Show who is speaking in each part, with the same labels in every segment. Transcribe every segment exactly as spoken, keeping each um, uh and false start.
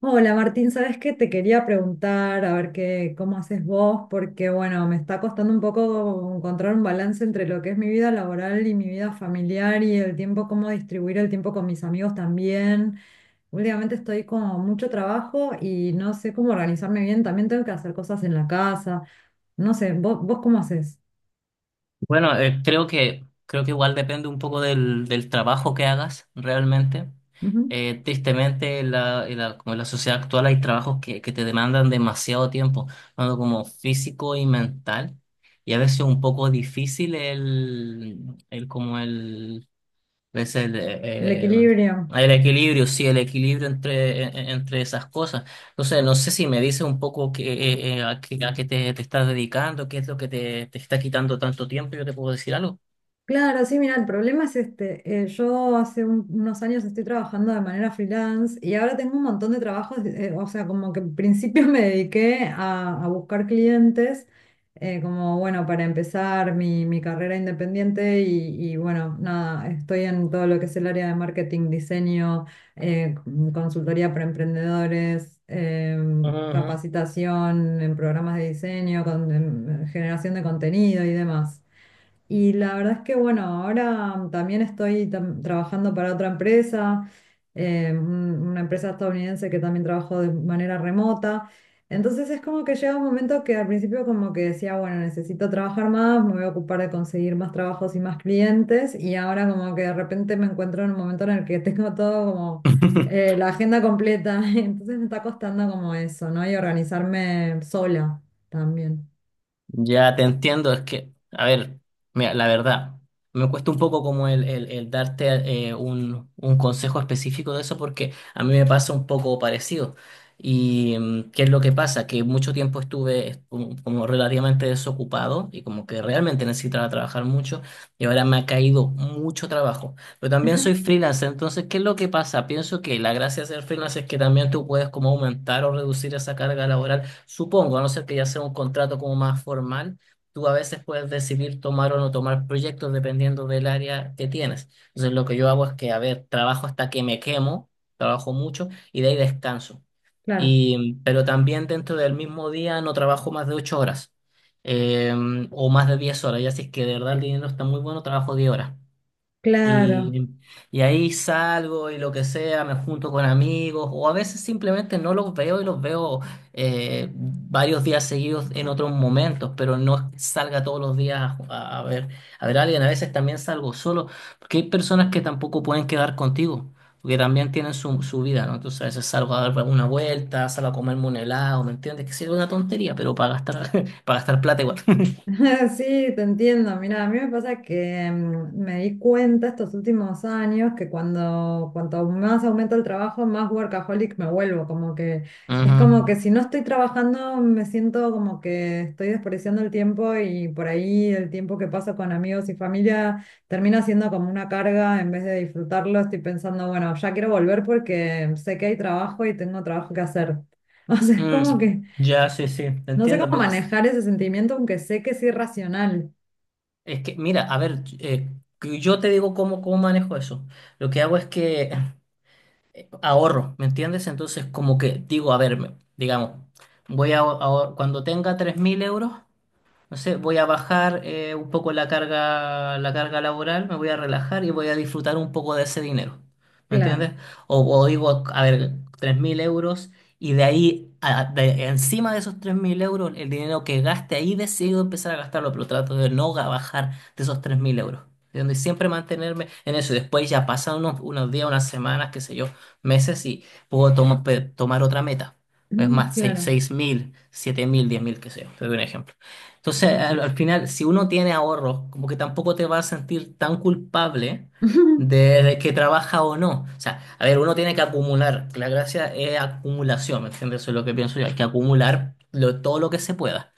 Speaker 1: Hola Martín, ¿sabes qué? Te quería preguntar a ver qué, cómo haces vos, porque bueno, me está costando un poco encontrar un balance entre lo que es mi vida laboral y mi vida familiar y el tiempo, cómo distribuir el tiempo con mis amigos también. Últimamente estoy con mucho trabajo y no sé cómo organizarme bien, también tengo que hacer cosas en la casa, no sé, ¿vos, vos cómo haces?
Speaker 2: Bueno, eh, creo que, creo que igual depende un poco del, del trabajo que hagas realmente.
Speaker 1: Ujú.
Speaker 2: Eh, tristemente, en la, en la- como en la sociedad actual hay trabajos que, que te demandan demasiado tiempo, tanto como físico y mental, y a veces un poco difícil el, el como el es el,
Speaker 1: El
Speaker 2: eh, eh,
Speaker 1: equilibrio.
Speaker 2: el equilibrio, sí, el equilibrio entre, en- entre esas cosas. Entonces, no sé si me dices un poco que, eh, eh, a qué, a qué te, te estás dedicando, qué es lo que te, te está quitando tanto tiempo, yo te puedo decir algo.
Speaker 1: Claro, sí, mira, el problema es este. eh, yo hace un- unos años estoy trabajando de manera freelance y ahora tengo un montón de trabajos, eh, o sea, como que en principio me dediqué a, a buscar clientes, eh, como bueno, para empezar mi, mi carrera independiente y, y, bueno, nada, estoy en todo lo que es el área de marketing, diseño, eh, consultoría para emprendedores,
Speaker 2: Ujú,
Speaker 1: em,
Speaker 2: ujú.
Speaker 1: capacitación en programas de diseño, con- en generación de contenido y demás. Y la verdad es que, bueno, ahora también estoy tam- trabajando para otra empresa, eh, un- una empresa estadounidense que también trabajo de manera remota. Entonces es como que llega un momento que al principio como que decía, bueno, necesito trabajar más, me voy a ocupar de conseguir más trabajos y más clientes. Y ahora como que de repente me encuentro en un momento en el que tengo todo como eh, la agenda completa. Entonces me está costando como eso, ¿no? Y organizarme sola también.
Speaker 2: Ya te entiendo, es que, a ver, mira, la verdad, me cuesta un poco como el, el- el darte eh, un, un consejo específico de eso porque a mí me pasa un poco parecido. ¿Y mm, qué es lo que pasa? Que mucho tiempo estuve est- como, como relativamente desocupado y como que realmente necesitaba trabajar mucho y ahora me ha caído mucho trabajo. Pero también soy freelance, entonces, ¿qué es lo que pasa? Pienso que la gracia de ser freelance es que también tú puedes como aumentar o reducir esa carga laboral. Supongo, a no ser que ya sea un contrato como más formal, tú a veces puedes decidir tomar o no tomar proyectos dependiendo del área que tienes. Entonces, lo que yo hago es que, a ver, trabajo hasta que me quemo, trabajo mucho y de ahí descanso.
Speaker 1: Claro,
Speaker 2: Y, pero también dentro del mismo día no trabajo más de ocho horas eh, o más de diez horas. Ya si es que de verdad el dinero está muy bueno, trabajo diez horas.
Speaker 1: claro.
Speaker 2: Y, y ahí salgo y lo que sea, me junto con amigos o a veces simplemente no los veo y los veo eh, varios días seguidos en otros momentos, pero no es que salga todos los días a, a ver, a ver a alguien. A veces también salgo solo, porque hay personas que tampoco pueden quedar contigo, porque también tienen su, su vida, ¿no? Entonces a veces salgo a dar una vuelta, salgo a comerme un helado, ¿me entiendes? Que sea una tontería, pero para gastar, para gastar plata igual.
Speaker 1: Sí, te entiendo. Mira, a mí me pasa que mm, me di cuenta estos últimos años que cuando cuanto más aumenta el trabajo, más workaholic me vuelvo. Como que es
Speaker 2: Ujú.
Speaker 1: como que si no estoy trabajando, me siento como que estoy desperdiciando el tiempo y por ahí el tiempo que paso con amigos y familia termina siendo como una carga en vez de disfrutarlo. Estoy pensando, bueno, ya quiero volver porque sé que hay trabajo y tengo trabajo que hacer. O sea, es
Speaker 2: Mm,
Speaker 1: como que
Speaker 2: ya, sí, sí, te
Speaker 1: no sé
Speaker 2: entiendo.
Speaker 1: cómo
Speaker 2: Mira,
Speaker 1: manejar ese sentimiento, aunque sé que es irracional.
Speaker 2: es que, mira, a ver, eh, que yo te digo cómo, cómo manejo eso. Lo que hago es que ahorro, ¿me entiendes? Entonces, como que digo, a ver, me- digamos, voy a, ahor- cuando tenga tres mil euros, no sé, voy a bajar eh, un poco la carga, la carga laboral, me voy a relajar y voy a disfrutar un poco de ese dinero. ¿Me
Speaker 1: Claro,
Speaker 2: entiendes? O, o digo, a ver, tres mil euros, y de ahí, a- de- encima de esos tres mil euros, el dinero que gaste ahí decido empezar a gastarlo, pero trato de no ga- bajar de esos tres mil euros. ¿Entiendes? Y siempre mantenerme en eso. Y después ya pasan unos, unos días, unas semanas, qué sé yo, meses, y puedo tomo- pe- tomar otra meta. Es
Speaker 1: mm,
Speaker 2: más,
Speaker 1: claro.
Speaker 2: seis- mil, siete mil, diez mil, qué sé yo. Te doy un ejemplo. Entonces, al, al final, si uno tiene ahorros, como que tampoco te vas a sentir tan culpable de, de que trabaja o no. O sea, a ver, uno tiene que acumular. La gracia es acumulación, ¿me entiendes? Eso es lo que pienso yo. Hay que acumular lo- todo lo que se pueda.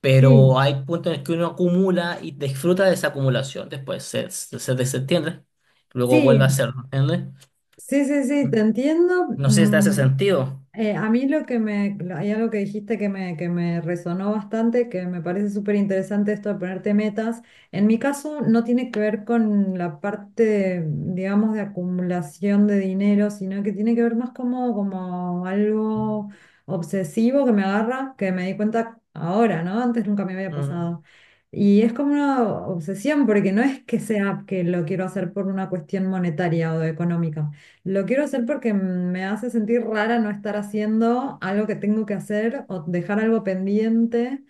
Speaker 2: Pero
Speaker 1: Sí,
Speaker 2: hay puntos en los que uno acumula y disfruta de esa acumulación. Después se, se, se desentiende. Luego vuelve a
Speaker 1: sí,
Speaker 2: hacerlo, ¿entiendes?
Speaker 1: sí, sí, sí, te entiendo.
Speaker 2: No sé si te hace
Speaker 1: Mm,
Speaker 2: sentido.
Speaker 1: eh, a mí lo que me, lo- hay algo que dijiste que me, que me resonó bastante, que me parece súper interesante esto de ponerte metas. En mi caso no tiene que ver con la parte, de, digamos, de acumulación de dinero, sino que tiene que ver más como, como algo obsesivo que me agarra, que me di cuenta ahora, ¿no? Antes nunca me había
Speaker 2: Mm,
Speaker 1: pasado. Y es como una obsesión, porque no es que sea que lo quiero hacer por una cuestión monetaria o económica, lo quiero hacer porque me hace sentir rara no estar haciendo algo que tengo que hacer o dejar algo pendiente.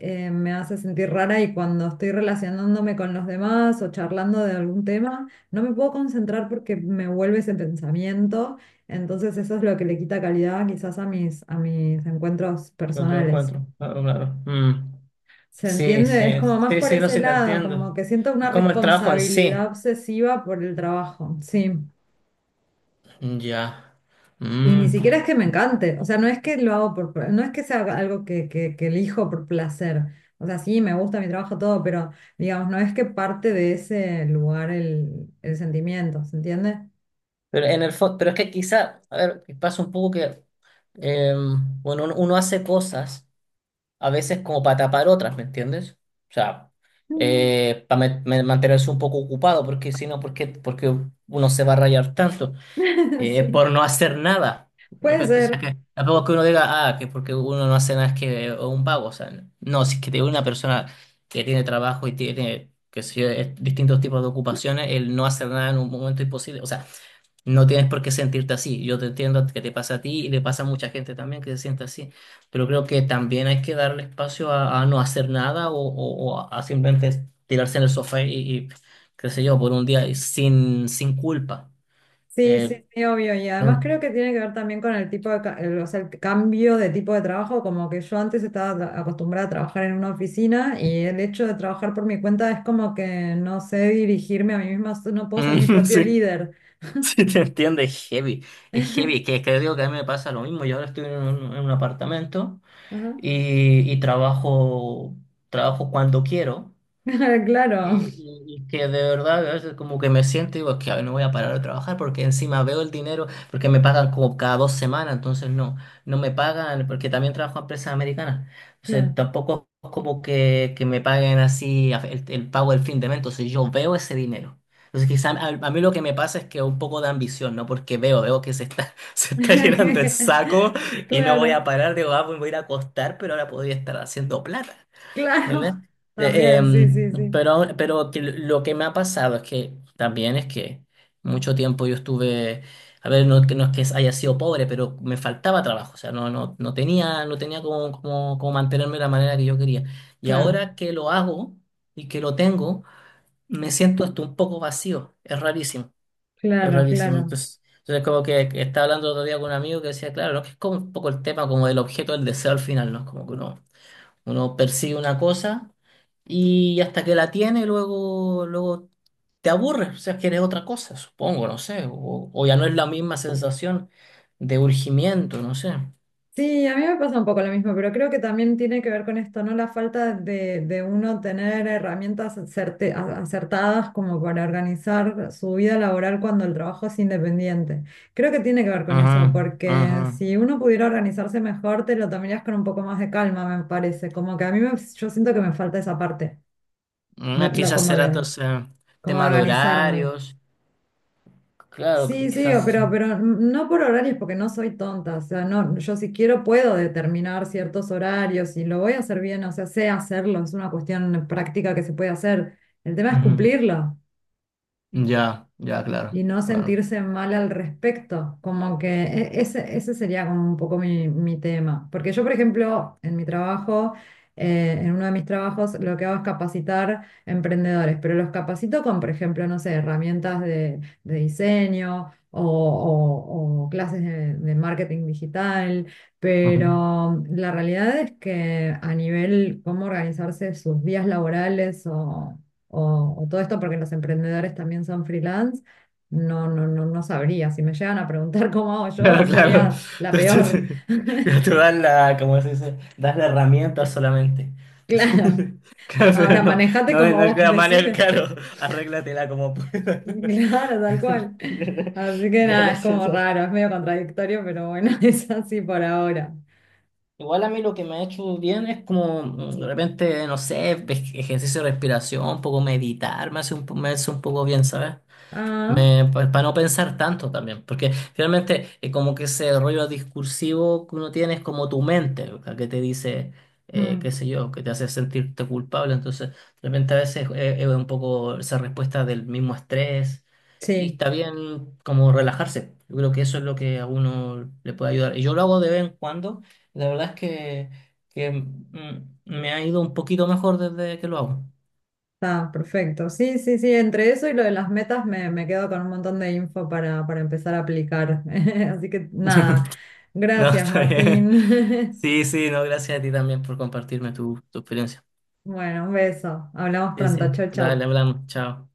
Speaker 1: eh, Me hace sentir rara y cuando estoy relacionándome con los demás o charlando de algún tema, no me puedo concentrar porque me vuelve ese pensamiento. Entonces eso es lo que le quita calidad quizás a mis, a mis encuentros
Speaker 2: no te lo
Speaker 1: personales.
Speaker 2: encuentro. Claro, claro. Mm.
Speaker 1: ¿Se
Speaker 2: Sí,
Speaker 1: entiende? Es
Speaker 2: sí,
Speaker 1: como más
Speaker 2: sí,
Speaker 1: por
Speaker 2: sí, no
Speaker 1: ese
Speaker 2: sé, te
Speaker 1: lado, como
Speaker 2: entiendo.
Speaker 1: que siento
Speaker 2: Es
Speaker 1: una
Speaker 2: como el trabajo en
Speaker 1: responsabilidad
Speaker 2: sí.
Speaker 1: obsesiva por el trabajo. Sí.
Speaker 2: Ya.
Speaker 1: Y ni
Speaker 2: Mm.
Speaker 1: siquiera es que me encante, o sea, no es que lo hago por, pla- no es que sea algo que, que, que elijo por placer, o sea, sí, me gusta mi trabajo, todo, pero digamos, no es que parte de ese lugar el, el sentimiento, ¿se entiende?
Speaker 2: Pero en el fo- pero es que quizá, a ver, pasa un poco que, eh, bueno, uno, uno hace cosas a veces como para tapar otras, ¿me entiendes? O sea,
Speaker 1: Mm.
Speaker 2: eh, para mantenerse un poco ocupado, porque si no, ¿por qué, ¿por qué uno se va a rayar tanto? eh,
Speaker 1: Sí,
Speaker 2: por no hacer nada. De
Speaker 1: puede
Speaker 2: repente, o sea,
Speaker 1: ser,
Speaker 2: que tampoco es que uno diga, ah, que porque uno no hace nada es que es un vago. O sea, no, si es que te- una persona que tiene trabajo y tiene, qué sé yo, eh, distintos tipos de ocupaciones, el no hacer nada en un momento es imposible. O sea, no tienes por qué sentirte así. Yo te entiendo que te pasa a ti y le pasa a mucha gente también que se siente así. Pero creo que también hay que darle espacio a, a no hacer nada o, o- o a simplemente tirarse en el sofá y, y, qué sé yo, por un día y sin, sin culpa.
Speaker 1: sí, sí,
Speaker 2: Eh,
Speaker 1: sí, obvio, y además creo que tiene que ver también con el tipo de, ca- el, o sea, el cambio de tipo de trabajo, como que yo antes estaba tra- acostumbrada a trabajar en una oficina y el hecho de trabajar por mi cuenta es como que no sé dirigirme a mí misma, no puedo ser mi
Speaker 2: Mm,
Speaker 1: propio
Speaker 2: sí,
Speaker 1: líder.
Speaker 2: sí te entiende, es heavy, es heavy, que creo que a mí me pasa lo mismo, yo ahora estoy en un, en un apartamento
Speaker 1: Ajá.
Speaker 2: y, y trabajo, trabajo cuando quiero,
Speaker 1: Claro,
Speaker 2: eh, Y, y que de verdad a veces como que me siento y digo, es que no voy a parar de trabajar porque encima veo el dinero, porque me pagan como cada dos semanas, entonces no, no me pagan, porque también trabajo en empresas americanas. O sea,
Speaker 1: claro.
Speaker 2: tampoco es como que, que me paguen así a- el, el pago del fin de mes, entonces yo veo ese dinero. Entonces quizá a, a mí lo que me pasa es que un poco de ambición, ¿no? Porque veo, veo que se está, se está llenando el saco y no voy a
Speaker 1: Claro,
Speaker 2: parar, digo, ah, pues me voy a ir a acostar, pero ahora podría estar haciendo plata. ¿Entiendes?
Speaker 1: claro.
Speaker 2: Eh,
Speaker 1: También, sí, sí,
Speaker 2: em,
Speaker 1: sí.
Speaker 2: pero, pero que lo que me ha pasado es que también es que mucho tiempo yo estuve, a ver, no, que- no es que haya sido pobre, pero me faltaba trabajo, o sea, no, no, no tenía, no tenía como, como, como mantenerme de la manera que yo quería. Y
Speaker 1: Claro,
Speaker 2: ahora que lo hago y que lo tengo, me siento hasta un poco vacío, es rarísimo, es
Speaker 1: claro,
Speaker 2: rarísimo.
Speaker 1: claro.
Speaker 2: Entonces, entonces como que que estaba hablando el otro día con un amigo que decía, claro, ¿no? Que es como un poco el tema como del objeto del deseo al final, ¿no? Como que uno uno persigue una cosa y hasta que la tiene, luego, luego te aburres, o sea, quieres otra cosa, supongo, no sé, o, o ya no es la misma sensación de urgimiento, no sé.
Speaker 1: Sí, a mí me pasa un poco lo mismo, pero creo que también tiene que ver con esto, ¿no? La falta de, de uno tener herramientas acerte- a- acertadas como para organizar su vida laboral cuando el trabajo es independiente. Creo que tiene que ver con eso,
Speaker 2: Ajá,
Speaker 1: porque
Speaker 2: ajá.
Speaker 1: si uno pudiera organizarse mejor, te lo tomarías con un poco más de calma, me parece. Como que a mí me- yo siento que me falta esa parte. De,
Speaker 2: Ah,
Speaker 1: lo-
Speaker 2: quizás
Speaker 1: como
Speaker 2: será
Speaker 1: la-
Speaker 2: entonces
Speaker 1: Como
Speaker 2: tema de
Speaker 1: organizarme.
Speaker 2: horarios, claro,
Speaker 1: Sí, sí, o-
Speaker 2: quizás.
Speaker 1: pero, pero no por horarios porque no soy tonta. O sea, no, yo si quiero puedo determinar ciertos horarios y lo voy a hacer bien, o sea, sé hacerlo, es una cuestión práctica que se puede hacer. El tema es
Speaker 2: Ujú.
Speaker 1: cumplirlo.
Speaker 2: Ya, ya, claro,
Speaker 1: Y no
Speaker 2: claro.
Speaker 1: sentirse mal al respecto, como que e- ese, ese sería como un poco mi, mi tema. Porque yo, por ejemplo, en mi trabajo, eh, en uno de mis trabajos, lo que hago es capacitar emprendedores, pero los capacito con, por ejemplo, no sé, herramientas de, de diseño o, o- o clases de, de marketing digital,
Speaker 2: Ujú.
Speaker 1: pero la realidad es que a nivel cómo organizarse sus días laborales o... o- o todo esto, porque los emprendedores también son freelance, no, no, no, no sabría. Si me llegan a preguntar cómo hago yo,
Speaker 2: Claro, claro.
Speaker 1: sería la
Speaker 2: Tú, tú-
Speaker 1: peor.
Speaker 2: tú- tú das la, ¿cómo se dice? Das la herramienta solamente.
Speaker 1: Claro.
Speaker 2: Claro,
Speaker 1: Ahora
Speaker 2: pero no,
Speaker 1: manejate
Speaker 2: no, es-
Speaker 1: como
Speaker 2: no es
Speaker 1: vos
Speaker 2: la manera,
Speaker 1: decidas.
Speaker 2: claro, arréglatela como puedas.
Speaker 1: Claro, tal cual.
Speaker 2: Ya,
Speaker 1: Así que
Speaker 2: ya,
Speaker 1: nada,
Speaker 2: ya
Speaker 1: es
Speaker 2: sé,
Speaker 1: como
Speaker 2: ya sé.
Speaker 1: raro, es medio contradictorio, pero bueno, es así por ahora.
Speaker 2: Igual a mí lo que me ha hecho bien es como mm, de repente, no sé, ej- ejercicio de respiración, un poco meditar, me hace un, po- me hace un poco bien, ¿sabes?
Speaker 1: Ah,
Speaker 2: Me, pues, para no pensar tanto también, porque finalmente eh, como que ese rollo discursivo que uno tiene es como tu mente, ¿verdad? Que te dice, eh,
Speaker 1: mm,
Speaker 2: qué sé yo, que te hace sentirte culpable, entonces realmente a veces eh, es, un poco esa respuesta del mismo estrés y
Speaker 1: sí,
Speaker 2: está bien como relajarse, yo creo que eso es lo que a uno le puede ayudar. Y yo lo hago de vez en cuando, la verdad es que, que mm, me ha ido un poquito mejor desde que lo hago.
Speaker 1: está perfecto. Sí, sí, sí, entre eso y lo de las metas me, me quedo con un montón de info para, para empezar a aplicar. Así que nada,
Speaker 2: No,
Speaker 1: gracias,
Speaker 2: está bien.
Speaker 1: Martín.
Speaker 2: Sí, sí, no, gracias a ti también por compartirme tu, tu experiencia.
Speaker 1: Bueno, un beso. Hablamos
Speaker 2: Sí, sí,
Speaker 1: pronto. Chau,
Speaker 2: dale,
Speaker 1: chau.
Speaker 2: hablamos, chao.